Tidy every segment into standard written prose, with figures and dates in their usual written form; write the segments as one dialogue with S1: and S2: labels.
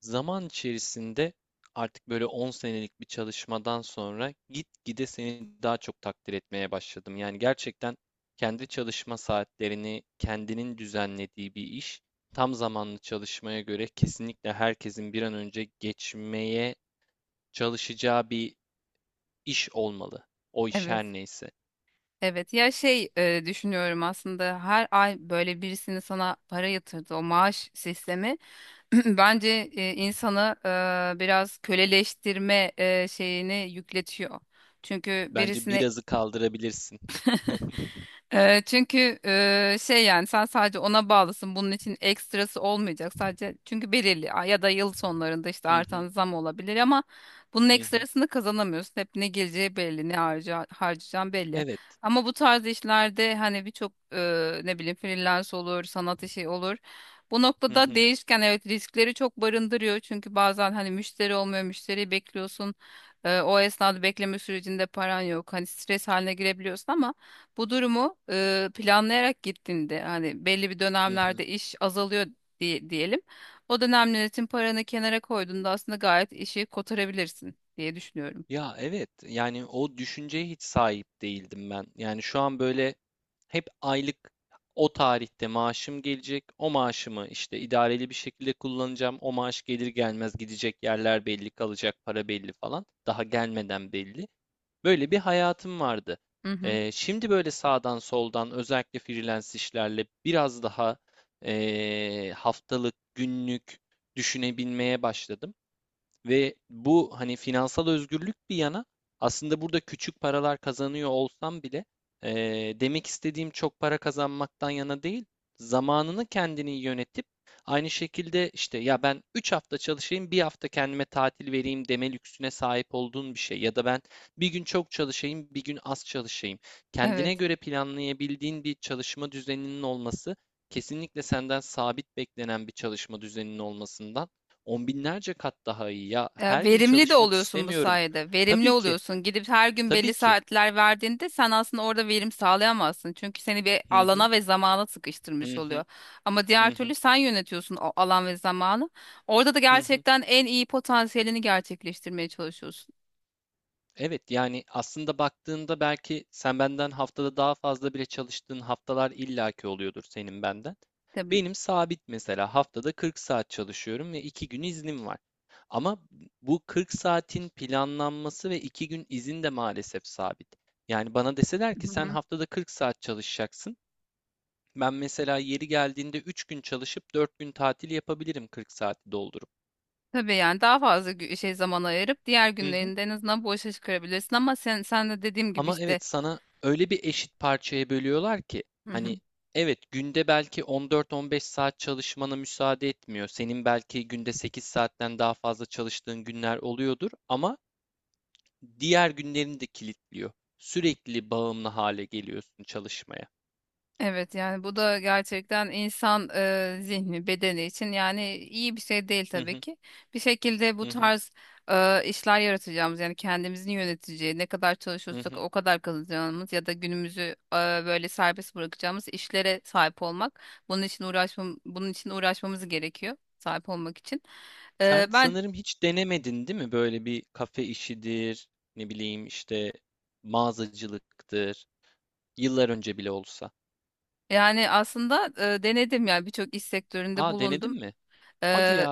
S1: Zaman içerisinde artık böyle 10 senelik bir çalışmadan sonra gitgide seni daha çok takdir etmeye başladım. Yani gerçekten kendi çalışma saatlerini kendinin düzenlediği bir iş, tam zamanlı çalışmaya göre kesinlikle herkesin bir an önce geçmeye çalışacağı bir iş olmalı. O iş her
S2: Evet.
S1: neyse.
S2: Evet ya düşünüyorum aslında her ay böyle birisinin sana para yatırdı o maaş sistemi, bence insanı biraz köleleştirme şeyini yükletiyor. Çünkü
S1: Bence
S2: birisine
S1: birazı kaldırabilirsin.
S2: çünkü yani sen sadece ona bağlısın. Bunun için ekstrası olmayacak. Sadece çünkü belirli ya da yıl sonlarında işte
S1: Hı hı,
S2: artan zam olabilir ama bunun
S1: hı hı.
S2: ekstrasını kazanamıyorsun. Hep ne geleceği belli, ne harcayacağın belli.
S1: Evet.
S2: Ama bu tarz işlerde hani birçok ne bileyim freelance olur, sanat işi olur. Bu
S1: Hı
S2: noktada
S1: hı,
S2: değişken, evet, riskleri çok barındırıyor. Çünkü bazen hani müşteri olmuyor, müşteriyi bekliyorsun. O esnada bekleme sürecinde paran yok. Hani stres haline girebiliyorsun ama bu durumu planlayarak gittiğinde hani belli bir
S1: hı hı.
S2: dönemlerde iş azalıyor diyelim. O dönem yönetim paranı kenara koyduğunda aslında gayet işi kotarabilirsin diye düşünüyorum.
S1: Ya evet yani o düşünceye hiç sahip değildim ben. Yani şu an böyle hep aylık o tarihte maaşım gelecek. O maaşımı işte idareli bir şekilde kullanacağım. O maaş gelir gelmez gidecek yerler belli, kalacak para belli falan. Daha gelmeden belli. Böyle bir hayatım vardı.
S2: Hı hı.
S1: Şimdi böyle sağdan soldan özellikle freelance işlerle biraz daha haftalık, günlük düşünebilmeye başladım. Ve bu hani finansal özgürlük bir yana aslında burada küçük paralar kazanıyor olsam bile demek istediğim çok para kazanmaktan yana değil, zamanını kendini yönetip aynı şekilde işte ya ben 3 hafta çalışayım bir hafta kendime tatil vereyim deme lüksüne sahip olduğun bir şey ya da ben bir gün çok çalışayım bir gün az çalışayım. Kendine
S2: Evet.
S1: göre planlayabildiğin bir çalışma düzeninin olması kesinlikle senden sabit beklenen bir çalışma düzeninin olmasından on binlerce kat daha iyi ya.
S2: Ya,
S1: Her gün
S2: verimli de
S1: çalışmak
S2: oluyorsun bu
S1: istemiyorum.
S2: sayede. Verimli
S1: Tabii ki,
S2: oluyorsun. Gidip her gün
S1: tabii
S2: belli
S1: ki.
S2: saatler verdiğinde sen aslında orada verim sağlayamazsın. Çünkü seni bir
S1: Hı hı,
S2: alana ve zamana sıkıştırmış
S1: hı
S2: oluyor.
S1: hı,
S2: Ama diğer
S1: hı
S2: türlü
S1: hı,
S2: sen yönetiyorsun o alan ve zamanı. Orada da
S1: hı hı.
S2: gerçekten en iyi potansiyelini gerçekleştirmeye çalışıyorsun.
S1: Evet, yani aslında baktığında belki sen benden haftada daha fazla bile çalıştığın haftalar illaki oluyordur senin benden. Benim sabit mesela haftada 40 saat çalışıyorum ve 2 gün iznim var. Ama bu 40 saatin planlanması ve 2 gün izin de maalesef sabit. Yani bana deseler ki
S2: Hı
S1: sen
S2: hı.
S1: haftada 40 saat çalışacaksın. Ben mesela yeri geldiğinde 3 gün çalışıp 4 gün tatil yapabilirim 40 saati doldurup.
S2: Tabii yani daha fazla zaman ayırıp diğer
S1: Hı hı.
S2: günlerinde en azından bu işe çıkarabilirsin ama sen de dediğim gibi
S1: Ama
S2: işte.
S1: evet sana öyle bir eşit parçaya bölüyorlar ki
S2: Hı
S1: hani
S2: hı.
S1: evet günde belki on dört on beş saat çalışmana müsaade etmiyor. Senin belki günde 8 saatten daha fazla çalıştığın günler oluyordur ama diğer günlerini de kilitliyor. Sürekli bağımlı hale geliyorsun çalışmaya.
S2: Evet yani bu da gerçekten insan zihni bedeni için yani iyi bir şey değil
S1: Hı
S2: tabii
S1: hı,
S2: ki. Bir şekilde bu
S1: hı hı,
S2: tarz işler yaratacağımız, yani kendimizin yöneteceği, ne kadar
S1: hı
S2: çalışırsak
S1: hı.
S2: o kadar kazanacağımız ya da günümüzü e, böyle serbest bırakacağımız işlere sahip olmak, bunun için uğraşmamız gerekiyor sahip olmak için. E,
S1: Sen sanırım hiç denemedin değil mi? Böyle bir kafe işidir, ne bileyim işte mağazacılıktır. Yıllar önce bile olsa.
S2: Yani aslında denedim, yani birçok iş sektöründe
S1: Aa denedin
S2: bulundum.
S1: mi? Hadi
S2: E,
S1: ya.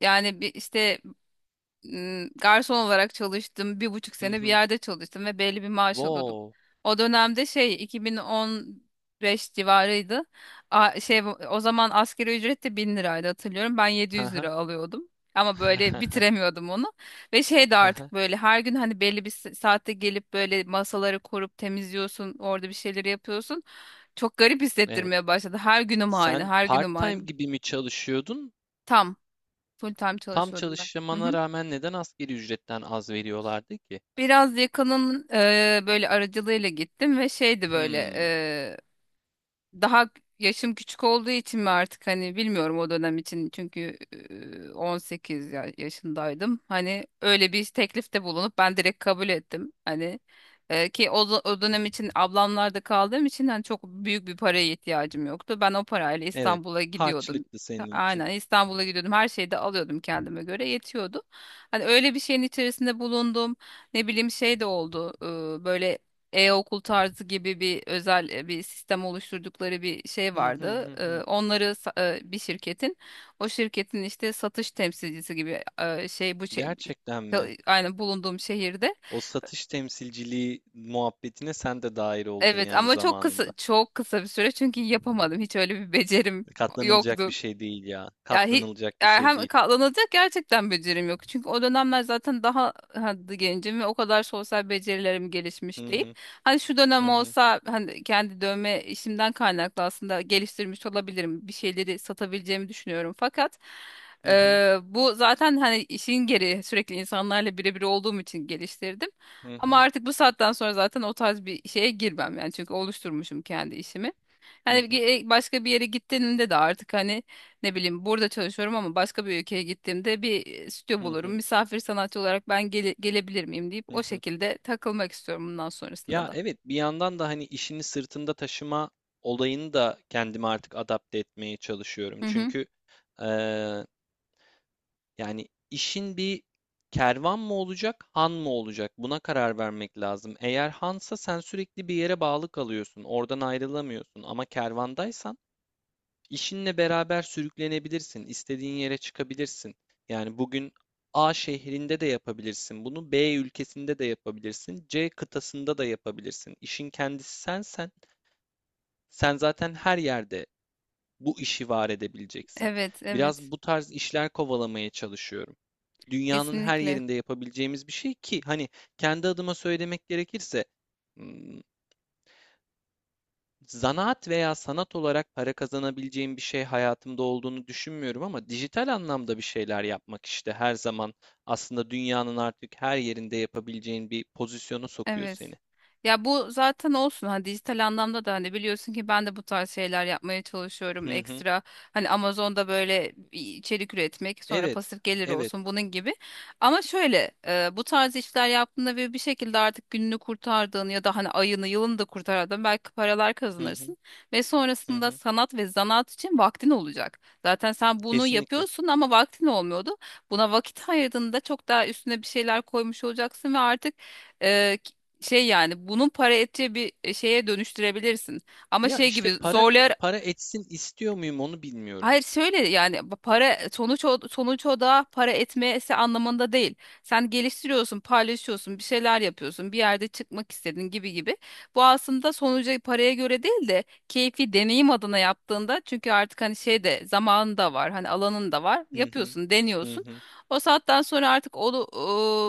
S2: yani bir işte garson olarak çalıştım. Bir buçuk
S1: Hı
S2: sene bir
S1: hı.
S2: yerde çalıştım ve belli bir maaş alıyordum.
S1: Wow.
S2: O dönemde 2015 civarıydı. A- şey o zaman asgari ücret de 1000 liraydı, hatırlıyorum. Ben
S1: Hı
S2: 700
S1: hı.
S2: lira alıyordum. Ama böyle bitiremiyordum onu. Ve de
S1: Hı hı.
S2: artık böyle her gün hani belli bir saatte gelip böyle masaları kurup temizliyorsun. Orada bir şeyleri yapıyorsun. Çok garip
S1: Evet.
S2: hissettirmeye başladı. Her günüm aynı,
S1: Sen
S2: her günüm
S1: part-time
S2: aynı.
S1: gibi mi çalışıyordun?
S2: Tam, full time
S1: Tam
S2: çalışıyordum ben. Hı
S1: çalışmana
S2: hı.
S1: rağmen neden asgari ücretten az veriyorlardı ki?
S2: Biraz yakının böyle aracılığıyla gittim ve şeydi böyle
S1: Hmm.
S2: daha yaşım küçük olduğu için mi artık hani bilmiyorum, o dönem için, çünkü 18 yaşındaydım. Hani öyle bir teklifte bulunup ben direkt kabul ettim. Hani o dönem için ablamlarda kaldığım için hani çok büyük bir paraya ihtiyacım yoktu. Ben o parayla
S1: Evet.
S2: İstanbul'a gidiyordum.
S1: Harçlıktı senin için.
S2: Aynen, İstanbul'a gidiyordum. Her şeyi de alıyordum, kendime göre yetiyordu. Hani öyle bir şeyin içerisinde bulundum. Ne bileyim şey de oldu. Böyle e-okul tarzı gibi bir özel bir sistem oluşturdukları bir şey
S1: Hı hı,
S2: vardı.
S1: hı hı.
S2: Onları bir şirketin, o şirketin işte satış temsilcisi gibi e, şey bu şey
S1: Gerçekten mi?
S2: aynı bulunduğum şehirde.
S1: O satış temsilciliği muhabbetine sen de dahil oldun
S2: Evet
S1: yani
S2: ama çok kısa,
S1: zamanında.
S2: çok kısa bir süre, çünkü yapamadım. Hiç öyle bir becerim
S1: Katlanılacak bir
S2: yoktu.
S1: şey değil ya.
S2: Ya hi-
S1: Katlanılacak bir şey
S2: Erhem
S1: değil.
S2: katlanacak gerçekten becerim yok. Çünkü o dönemler zaten daha, hadi gencim ve o kadar sosyal becerilerim gelişmiş
S1: Hı
S2: değil.
S1: hı,
S2: Hani şu
S1: hı
S2: dönem
S1: hı,
S2: olsa hani kendi dövme işimden kaynaklı aslında geliştirmiş olabilirim. Bir şeyleri satabileceğimi düşünüyorum. Fakat
S1: hı hı,
S2: bu zaten hani işin geri sürekli insanlarla birebir olduğum için geliştirdim.
S1: hı
S2: Ama
S1: hı,
S2: artık bu saatten sonra zaten o tarz bir şeye girmem yani, çünkü oluşturmuşum kendi işimi.
S1: hı
S2: Hani
S1: hı,
S2: başka bir yere gittiğimde de artık, hani ne bileyim, burada çalışıyorum ama başka bir ülkeye gittiğimde bir stüdyo
S1: hı hı,
S2: bulurum. Misafir sanatçı olarak ben gelebilir miyim deyip
S1: hı
S2: o
S1: hı.
S2: şekilde takılmak istiyorum bundan sonrasında
S1: Ya
S2: da.
S1: evet bir yandan da hani işini sırtında taşıma olayını da kendime artık adapte etmeye çalışıyorum.
S2: Hı hı.
S1: Çünkü yani işin bir kervan mı olacak, han mı olacak? Buna karar vermek lazım. Eğer hansa sen sürekli bir yere bağlı kalıyorsun, oradan ayrılamıyorsun. Ama kervandaysan işinle beraber sürüklenebilirsin, istediğin yere çıkabilirsin. Yani bugün A şehrinde de yapabilirsin bunu, B ülkesinde de yapabilirsin, C kıtasında da yapabilirsin. İşin kendisi sensen, sen zaten her yerde bu işi var edebileceksin.
S2: Evet,
S1: Biraz
S2: evet.
S1: bu tarz işler kovalamaya çalışıyorum. Dünyanın her
S2: Kesinlikle.
S1: yerinde yapabileceğimiz bir şey ki hani kendi adıma söylemek gerekirse m, zanaat veya sanat olarak para kazanabileceğim bir şey hayatımda olduğunu düşünmüyorum ama dijital anlamda bir şeyler yapmak işte her zaman aslında dünyanın artık her yerinde yapabileceğin bir pozisyona sokuyor
S2: Evet.
S1: seni.
S2: Ya bu zaten olsun, hani dijital anlamda da hani biliyorsun ki ben de bu tarz şeyler yapmaya çalışıyorum.
S1: Hı hı.
S2: Ekstra hani Amazon'da böyle içerik üretmek, sonra
S1: Evet,
S2: pasif gelir
S1: evet.
S2: olsun bunun gibi, ama şöyle, bu tarz işler yaptığında ve bir şekilde artık gününü kurtardığın ya da hani ayını yılını da kurtardığın, belki paralar
S1: Hı hı,
S2: kazanırsın ve
S1: hı
S2: sonrasında
S1: hı.
S2: sanat ve zanaat için vaktin olacak. Zaten sen bunu
S1: Kesinlikle.
S2: yapıyorsun ama vaktin olmuyordu. Buna vakit ayırdığında çok daha üstüne bir şeyler koymuş olacaksın ve artık yani bunun para ettiği bir şeye dönüştürebilirsin. Ama
S1: Ya
S2: şey
S1: işte
S2: gibi
S1: para
S2: zorlayarak.
S1: para etsin istiyor muyum onu bilmiyorum.
S2: Hayır, şöyle yani bu para, sonuç o da para etmesi anlamında değil. Sen geliştiriyorsun, paylaşıyorsun, bir şeyler yapıyorsun, bir yerde çıkmak istedin gibi gibi. Bu aslında sonuca, paraya göre değil de keyfi deneyim adına yaptığında, çünkü artık hani de zamanın da var, hani alanın da var.
S1: Hı hı.
S2: Yapıyorsun,
S1: Hı
S2: deniyorsun.
S1: hı.
S2: O saatten sonra artık o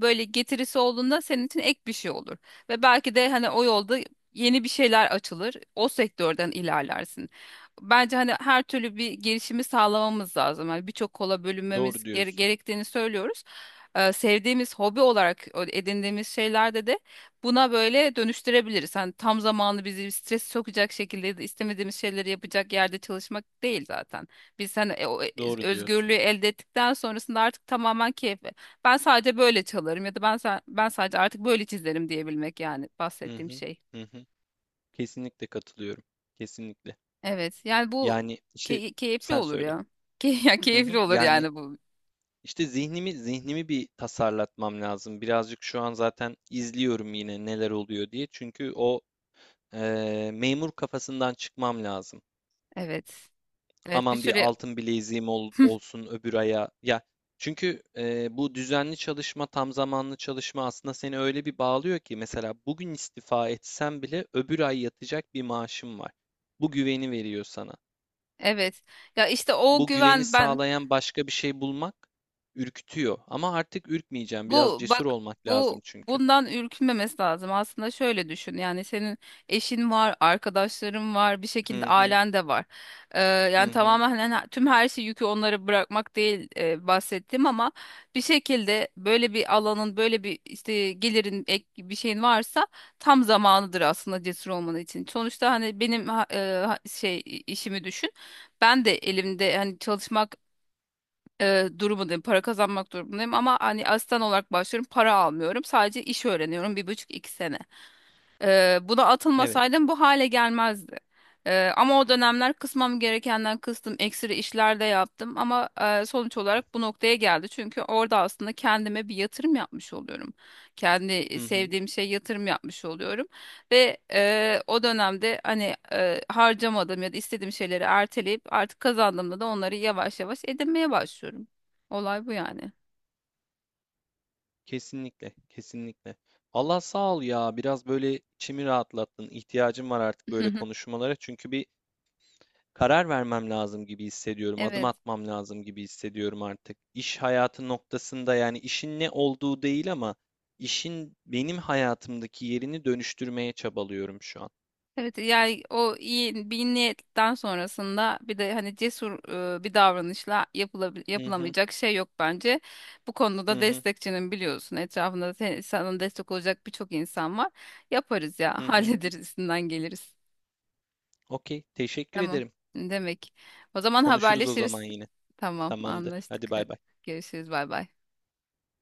S2: böyle getirisi olduğunda senin için ek bir şey olur. Ve belki de hani o yolda yeni bir şeyler açılır. O sektörden ilerlersin. Bence hani her türlü bir girişimi sağlamamız lazım. Hani birçok kola bölünmemiz
S1: Doğru diyorsun.
S2: gerektiğini söylüyoruz. Sevdiğimiz hobi olarak edindiğimiz şeylerde de buna böyle dönüştürebiliriz. Hani tam zamanlı bizi stres sokacak şekilde de istemediğimiz şeyleri yapacak yerde çalışmak değil zaten. Biz hani
S1: Doğru
S2: özgürlüğü
S1: diyorsun.
S2: elde ettikten sonrasında artık tamamen keyfe. Ben sadece böyle çalarım ya da ben sadece artık böyle çizerim diyebilmek, yani
S1: Hı
S2: bahsettiğim
S1: hı.
S2: şey.
S1: Hı hı. Kesinlikle katılıyorum. Kesinlikle.
S2: Evet. Yani bu
S1: Yani işte
S2: keyifli
S1: sen
S2: olur
S1: söyle.
S2: ya. Ya,
S1: Hı
S2: keyifli
S1: hı.
S2: olur
S1: Yani
S2: yani bu.
S1: işte zihnimi bir tasarlatmam lazım. Birazcık şu an zaten izliyorum yine neler oluyor diye. Çünkü o memur kafasından çıkmam lazım.
S2: Evet. Evet, bir
S1: Aman bir
S2: süre
S1: altın bileziğim olsun öbür aya. Ya çünkü bu düzenli çalışma, tam zamanlı çalışma aslında seni öyle bir bağlıyor ki mesela bugün istifa etsem bile öbür ay yatacak bir maaşım var. Bu güveni veriyor sana.
S2: evet. Ya, işte o
S1: Bu güveni
S2: güven, ben.
S1: sağlayan başka bir şey bulmak ürkütüyor. Ama artık ürkmeyeceğim. Biraz
S2: Bu
S1: cesur
S2: bak,
S1: olmak
S2: bu
S1: lazım çünkü.
S2: bundan ürkünmemesi lazım. Aslında şöyle düşün. Yani senin eşin var, arkadaşların var, bir şekilde
S1: Hı hı,
S2: ailen de var. Yani
S1: hı hı.
S2: tamamen, hani tüm her şey yükü onlara bırakmak değil, bahsettim, ama bir şekilde böyle bir alanın, böyle bir işte gelirin, ek bir şeyin varsa tam zamanıdır aslında cesur olman için. Sonuçta hani benim işimi düşün. Ben de elimde hani çalışmak durumundayım. Para kazanmak durumundayım, ama hani asistan olarak başlıyorum. Para almıyorum. Sadece iş öğreniyorum. 1,5-2 sene. Buna
S1: Evet.
S2: atılmasaydım bu hale gelmezdi. Ama o dönemler kısmam gerekenden kıstım, ekstra işler de yaptım, ama sonuç olarak bu noktaya geldi. Çünkü orada aslında kendime bir yatırım yapmış oluyorum.
S1: Hı
S2: Kendi
S1: hı.
S2: sevdiğim şey yatırım yapmış oluyorum. Ve o dönemde, hani harcamadığım ya da istediğim şeyleri erteleyip artık kazandığımda da onları yavaş yavaş edinmeye başlıyorum. Olay bu yani.
S1: Kesinlikle, kesinlikle. Allah sağ ol ya. Biraz böyle içimi rahatlattın. İhtiyacım var artık böyle konuşmalara. Çünkü bir karar vermem lazım gibi hissediyorum. Adım
S2: Evet.
S1: atmam lazım gibi hissediyorum artık. İş hayatı noktasında yani işin ne olduğu değil ama işin benim hayatımdaki yerini dönüştürmeye çabalıyorum şu an.
S2: Evet, yani o iyi bir niyetten sonrasında bir de hani cesur bir davranışla,
S1: Hı hı,
S2: yapılamayacak şey yok bence. Bu konuda da
S1: hı hı,
S2: destekçinin biliyorsun, etrafında da sana destek olacak birçok insan var. Yaparız ya,
S1: hı hı.
S2: hallederiz, üstünden geliriz.
S1: Okey, teşekkür
S2: Tamam
S1: ederim.
S2: demek. O zaman
S1: Konuşuruz o zaman
S2: haberleşiriz.
S1: yine.
S2: Tamam,
S1: Tamamdır.
S2: anlaştık.
S1: Hadi
S2: Hadi.
S1: bay bay.
S2: Görüşürüz, bay bay.